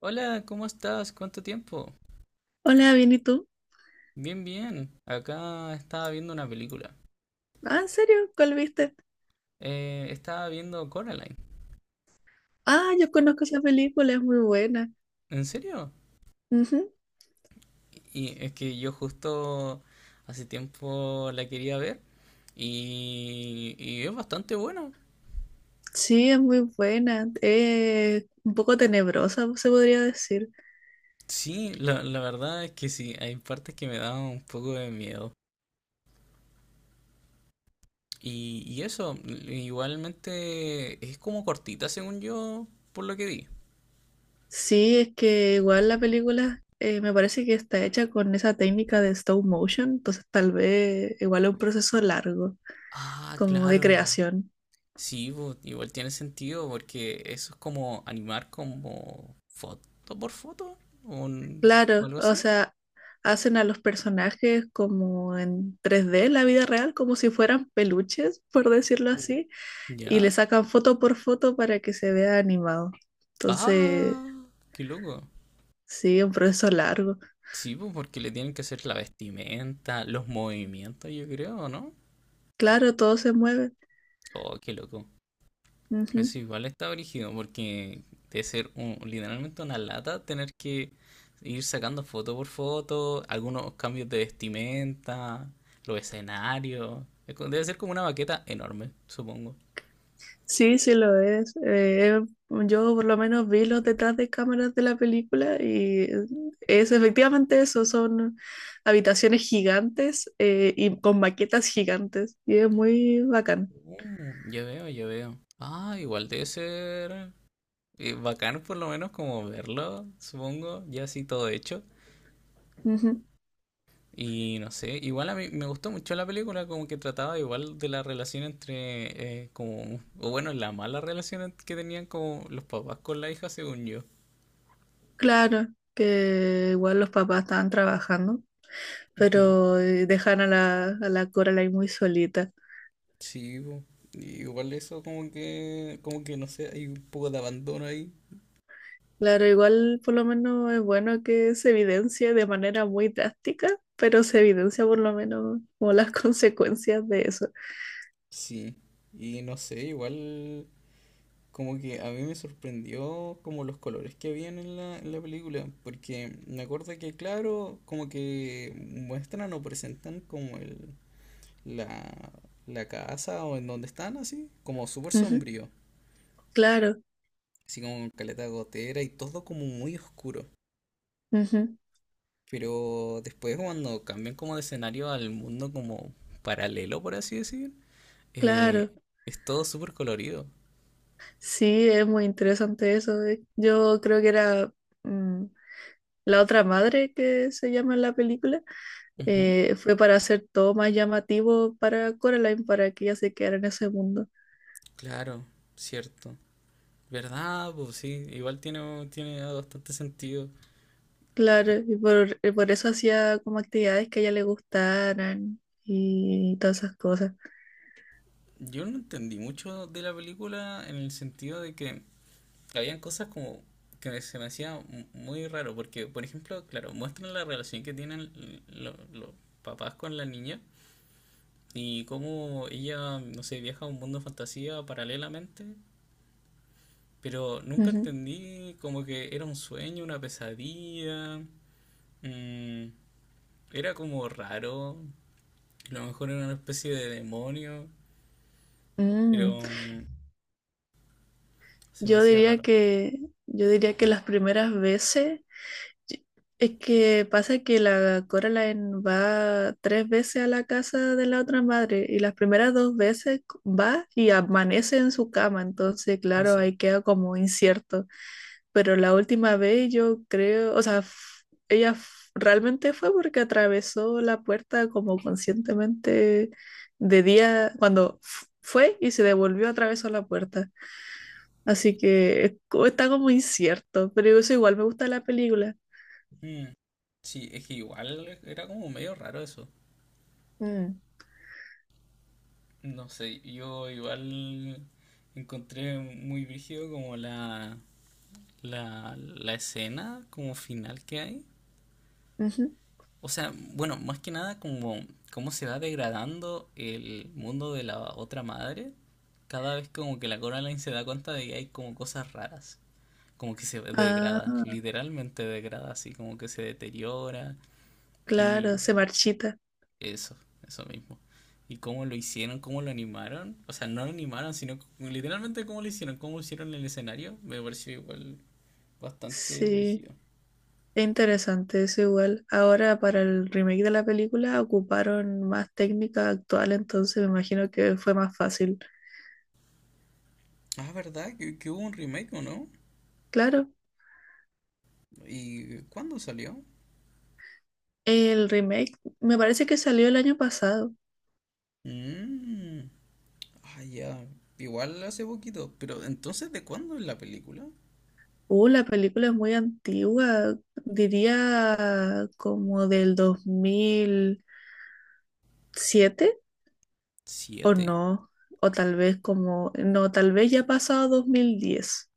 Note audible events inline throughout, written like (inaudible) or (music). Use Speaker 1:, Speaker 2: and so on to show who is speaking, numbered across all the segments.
Speaker 1: Hola, ¿cómo estás? ¿Cuánto tiempo?
Speaker 2: Hola, bien, ¿y tú?
Speaker 1: Bien, bien. Acá estaba viendo una película.
Speaker 2: Ah, ¿en serio? ¿Cuál viste?
Speaker 1: Estaba viendo Coraline.
Speaker 2: Ah, yo conozco esa película, es muy buena.
Speaker 1: ¿En serio?
Speaker 2: Ujú.
Speaker 1: Y es que yo justo hace tiempo la quería ver y es bastante buena.
Speaker 2: Sí, es muy buena. Un poco tenebrosa, se podría decir.
Speaker 1: Sí, la verdad es que sí, hay partes que me dan un poco de miedo. Y eso, igualmente es como cortita según yo, por lo que vi.
Speaker 2: Sí, es que igual la película me parece que está hecha con esa técnica de stop motion, entonces tal vez igual es un proceso largo,
Speaker 1: Ah,
Speaker 2: como de
Speaker 1: claro.
Speaker 2: creación.
Speaker 1: Sí, pues, igual tiene sentido porque eso es como animar como foto por foto o, un- o
Speaker 2: Claro,
Speaker 1: algo
Speaker 2: o
Speaker 1: así.
Speaker 2: sea, hacen a los personajes como en 3D, la vida real, como si fueran peluches, por decirlo
Speaker 1: Mm.
Speaker 2: así, y le
Speaker 1: ¿Ya?
Speaker 2: sacan foto por foto para que se vea animado. Entonces,
Speaker 1: Ah, qué loco.
Speaker 2: sí, un proceso largo.
Speaker 1: Sí, pues porque le tienen que hacer la vestimenta, los movimientos, yo creo, ¿no?
Speaker 2: Claro, todo se mueve.
Speaker 1: Oh, qué loco.
Speaker 2: Ujú.
Speaker 1: Eso igual está brígido, porque debe ser un- literalmente una lata tener que ir sacando foto por foto, algunos cambios de vestimenta, los escenarios. Es co- Debe ser como una maqueta enorme, supongo.
Speaker 2: Sí, sí lo es. Yo por lo menos vi los detrás de cámaras de la película y es efectivamente eso, son habitaciones gigantes y con maquetas gigantes y es muy bacán.
Speaker 1: Ya veo, ya veo. Ah, igual debe ser bacán por lo menos como verlo, supongo, ya así todo hecho.
Speaker 2: Ujú.
Speaker 1: Y no sé, igual a mí me gustó mucho la película, como que trataba igual de la relación entre, como, o bueno, la mala relación en- que tenían como los papás con la hija, según yo.
Speaker 2: Claro, que igual los papás estaban trabajando,
Speaker 1: Ujú.
Speaker 2: pero dejan a la Coraline muy solita.
Speaker 1: Sí, po. Y igual eso como que no sé, hay un poco de abandono ahí.
Speaker 2: Claro, igual por lo menos es bueno que se evidencie de manera muy drástica, pero se evidencia por lo menos como las (laughs) consecuencias de eso.
Speaker 1: Sí. Y no sé, igual como que a mí me sorprendió como los colores que habían en en la película, porque me acuerdo que claro, como que muestran o presentan como el la, la casa o en donde están así, como súper
Speaker 2: Ujú.
Speaker 1: sombrío,
Speaker 2: Claro.
Speaker 1: así como con caleta de gotera y todo como muy oscuro.
Speaker 2: Ujú.
Speaker 1: Pero después cuando cambian como de escenario al mundo como paralelo, por así decir, eh,
Speaker 2: Claro.
Speaker 1: es todo súper colorido.
Speaker 2: Sí, es muy interesante eso. Yo creo que era mm, la otra madre que se llama en la película,
Speaker 1: Ujú,
Speaker 2: fue para hacer todo más llamativo para Coraline, para que ella se quedara en ese mundo.
Speaker 1: claro, cierto. ¿Verdad? Pues sí, igual tiene bastante sentido.
Speaker 2: Claro, y por eso hacía como actividades que a ella le gustaran y todas esas cosas.
Speaker 1: Yo no entendí mucho de la película en el sentido de que habían cosas como que me- se me hacía mu- muy raro, porque, por ejemplo, claro, muestran la relación que tienen lo- los papás con la niña y cómo ella, no sé, viaja a un mundo de fantasía paralelamente, pero nunca
Speaker 2: Ujú.
Speaker 1: entendí como que era un sueño, una pesadilla, mm, era como raro, a lo mejor era una especie de demonio,
Speaker 2: Mm.
Speaker 1: pero se me
Speaker 2: Yo
Speaker 1: hacía
Speaker 2: diría
Speaker 1: raro.
Speaker 2: que, yo diría que las primeras veces, y- es que pasa que la Coraline va tres veces a la casa de la otra madre y las primeras dos veces va y amanece en su cama, entonces claro,
Speaker 1: Eso.
Speaker 2: ahí queda como incierto, pero la última vez yo creo, o sea, ella realmente fue porque atravesó la puerta como conscientemente de día, cuando fue y se devolvió atravesó la puerta. Así que está como incierto, pero eso igual me gusta la película.
Speaker 1: Mm. Sí, es que igual era como medio raro eso.
Speaker 2: Mm.
Speaker 1: No sé, yo igual encontré muy brígido como la escena como final que hay.
Speaker 2: Ujú.
Speaker 1: O sea, bueno, más que nada como cómo se va degradando el mundo de la otra madre. Cada vez como que la Coraline se da cuenta de que hay como cosas raras. Como que se degrada,
Speaker 2: Ah,
Speaker 1: literalmente degrada, así como que se deteriora.
Speaker 2: claro,
Speaker 1: Y
Speaker 2: se marchita.
Speaker 1: Eso, eso mismo. ¿Y cómo lo hicieron? ¿Cómo lo animaron? O sea, no lo animaron, sino c- literalmente cómo lo hicieron, cómo hicieron el escenario. Me pareció igual bastante
Speaker 2: Sí,
Speaker 1: brígido.
Speaker 2: es interesante eso igual. Ahora para el remake de la película ocuparon más técnica actual, entonces me imagino que fue más fácil.
Speaker 1: Ah, ¿verdad? Que hubo un remake, ¿o no?
Speaker 2: Claro,
Speaker 1: ¿Y cuándo salió?
Speaker 2: el remake me parece que salió el año pasado.
Speaker 1: Mm, ah, ya. Igual hace poquito. Pero entonces, ¿de cuándo es la película?
Speaker 2: La película es muy antigua, diría como del 2007. O
Speaker 1: Siete.
Speaker 2: no, o tal vez como, no, tal vez ya ha pasado 2010,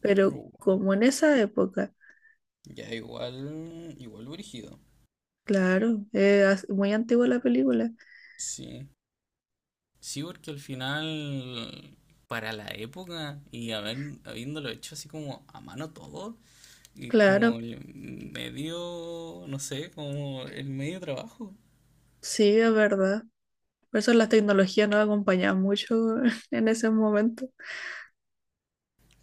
Speaker 2: pero
Speaker 1: Uh,
Speaker 2: como en esa época,
Speaker 1: ya, igual, igual brígido.
Speaker 2: claro, muy antigua la película,
Speaker 1: Sí. Sí, porque al final, para la época y haber, habiéndolo hecho así como a mano todo, y como
Speaker 2: claro,
Speaker 1: el medio, no sé, como el medio trabajo,
Speaker 2: sí, es verdad. Por eso las tecnologías no acompañaban mucho (laughs) en ese momento.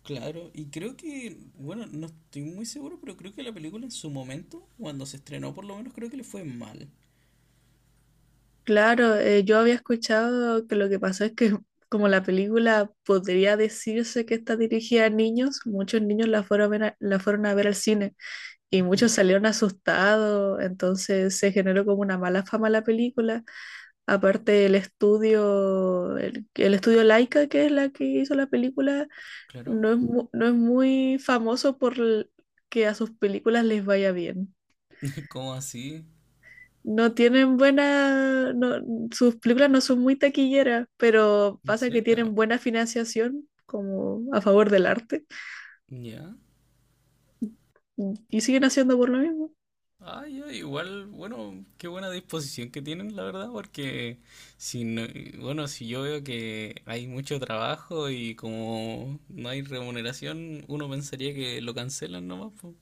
Speaker 1: claro. Y creo que, bueno, no estoy muy seguro, pero creo que la película en su momento, cuando se estrenó por lo menos, creo que le fue mal.
Speaker 2: Claro, yo había escuchado que lo que pasó es que como la película podría decirse que está dirigida a niños, muchos niños la fueron a ver, la fueron a ver al cine. Y muchos
Speaker 1: Ujú,
Speaker 2: salieron asustados, entonces se generó como una mala fama la película. Aparte el estudio, el estudio Laika, que es la que hizo la película,
Speaker 1: claro.
Speaker 2: no es muy famoso por que a sus películas les vaya bien.
Speaker 1: (laughs) ¿Cómo así?
Speaker 2: No tienen buena, no- Sus películas no son muy taquilleras, pero
Speaker 1: ¿En
Speaker 2: pasa que
Speaker 1: serio?
Speaker 2: tienen buena financiación como a favor del arte
Speaker 1: ¿Ya?
Speaker 2: y siguen haciendo por lo mismo.
Speaker 1: Ah, ya, igual, bueno, qué buena disposición que tienen, la verdad, porque si no, bueno, si yo veo que hay mucho trabajo y como no hay remuneración, uno pensaría que lo cancelan nomás, po.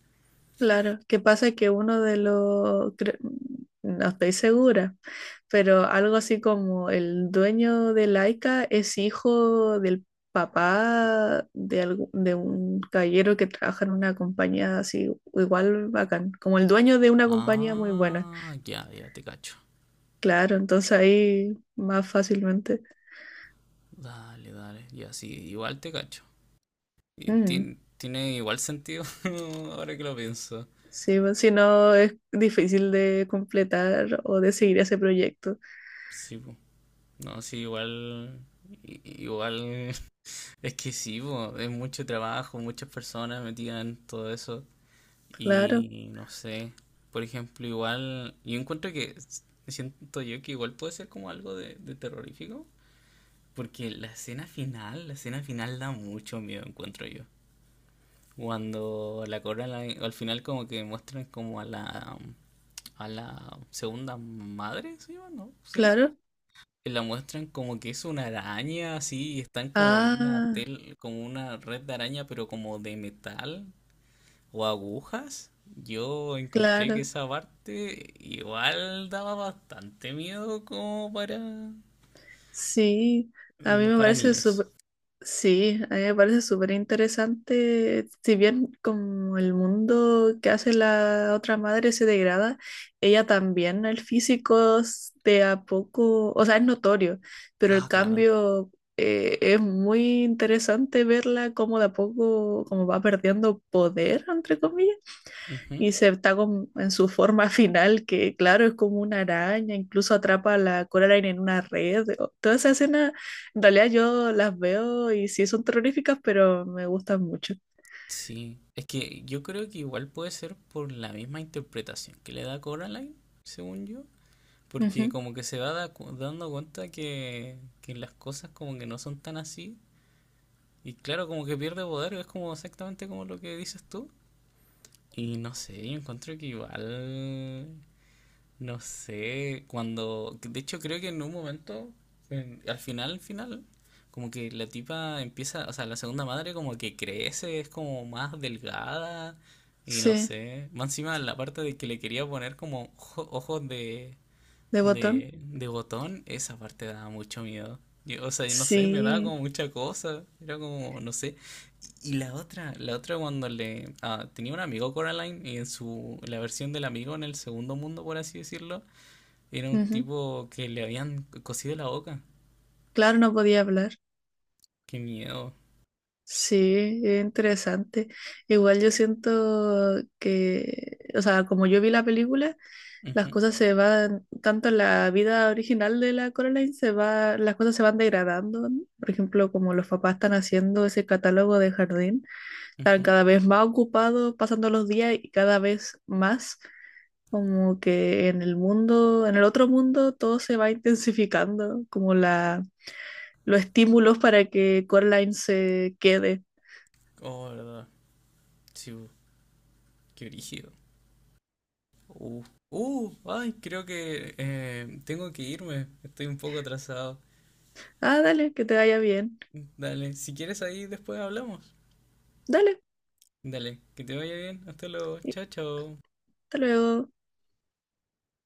Speaker 2: Claro, que pasa que uno de los, no estoy segura, pero algo así como el dueño de Laika es hijo del papá de, de un caballero que trabaja en una compañía así, igual bacán, como el dueño de una compañía muy buena.
Speaker 1: Ah, ya, ya te cacho.
Speaker 2: Claro, entonces ahí más fácilmente.
Speaker 1: Dale, dale, ya sí, igual te cacho. Y
Speaker 2: Mm,
Speaker 1: tien- tiene igual sentido (laughs) ahora que lo pienso.
Speaker 2: sí, pues, si no es difícil de completar o de seguir ese proyecto.
Speaker 1: Sí, po. No, sí, igual, i- igual, (laughs) es que sí, po, es mucho trabajo, muchas personas metidas en todo eso.
Speaker 2: Claro,
Speaker 1: Y no sé, por ejemplo, igual, yo encuentro que s- siento yo que igual puede ser como algo de terrorífico, porque la escena final da mucho miedo, encuentro yo. Cuando la corona al final como que muestran como a la segunda madre, se llama, ¿no? Sí.
Speaker 2: claro.
Speaker 1: Que la muestran como que es una araña así, y están como en una
Speaker 2: Ah,
Speaker 1: tel, como una red de araña, pero como de metal, o agujas, yo encontré que
Speaker 2: claro.
Speaker 1: esa parte igual daba bastante miedo como para,
Speaker 2: Sí, a mí me
Speaker 1: para
Speaker 2: parece
Speaker 1: niños.
Speaker 2: súper, sí, a mí me parece súper interesante, si bien como el mundo que hace la otra madre se degrada, ella también, el físico de a poco, o sea, es notorio, pero el
Speaker 1: Ah, claro.
Speaker 2: cambio es muy interesante verla como de a poco, como va perdiendo poder, entre comillas,
Speaker 1: Ujú.
Speaker 2: y se está en su forma (laughs) final, que claro, es como una araña, incluso atrapa a la Coraline en una red. Toda esa escena, en realidad yo las veo y sí son terroríficas, pero me gustan mucho.
Speaker 1: Sí, es que yo creo que igual puede ser por la misma interpretación que le da Coraline, según yo, porque
Speaker 2: Ujú.
Speaker 1: como que se va da- cu- dando cuenta que las cosas como que no son tan así, y claro, como que pierde poder, es como exactamente como lo que dices tú, y no sé, yo encuentro que igual no sé, cuando... De hecho, creo que en un momento, en- al final, como que la tipa empieza, o sea, la segunda madre como que crece, es como más delgada y no
Speaker 2: Sí,
Speaker 1: sé. Más encima la parte de que le quería poner como ojo- ojos de
Speaker 2: de botón.
Speaker 1: de botón, esa parte daba mucho miedo. Yo, o sea, yo no sé, me daba
Speaker 2: Sí,
Speaker 1: como mucha cosa. Era como, no sé. Y la otra cuando le... ah, tenía un amigo Coraline y en su, la versión del amigo en el segundo mundo, por así decirlo, era un
Speaker 2: ujú.
Speaker 1: tipo que le habían cosido la boca.
Speaker 2: Claro, no podía hablar.
Speaker 1: Qué miedo.
Speaker 2: Sí, es interesante. Igual yo siento que, o sea, como yo vi la película,
Speaker 1: Ujú,
Speaker 2: las cosas se van, tanto en la vida original de la Coraline se va, las cosas se van degradando, ¿no? Por ejemplo, como los papás están haciendo ese catálogo de jardín, están
Speaker 1: ujú.
Speaker 2: cada vez más ocupados pasando los días y cada vez más, como que en el mundo, en el otro mundo todo se va intensificando, como la, los estímulos para que Coraline se quede.
Speaker 1: Oh, verdad. Sí, bu, qué brígido. Uh, ay, creo que tengo que irme. Estoy un poco atrasado.
Speaker 2: Ah, dale, que te vaya bien.
Speaker 1: Dale, si quieres ahí después hablamos.
Speaker 2: Dale,
Speaker 1: Dale, que te vaya bien. Hasta luego.
Speaker 2: y
Speaker 1: Chao, chao.
Speaker 2: hasta luego.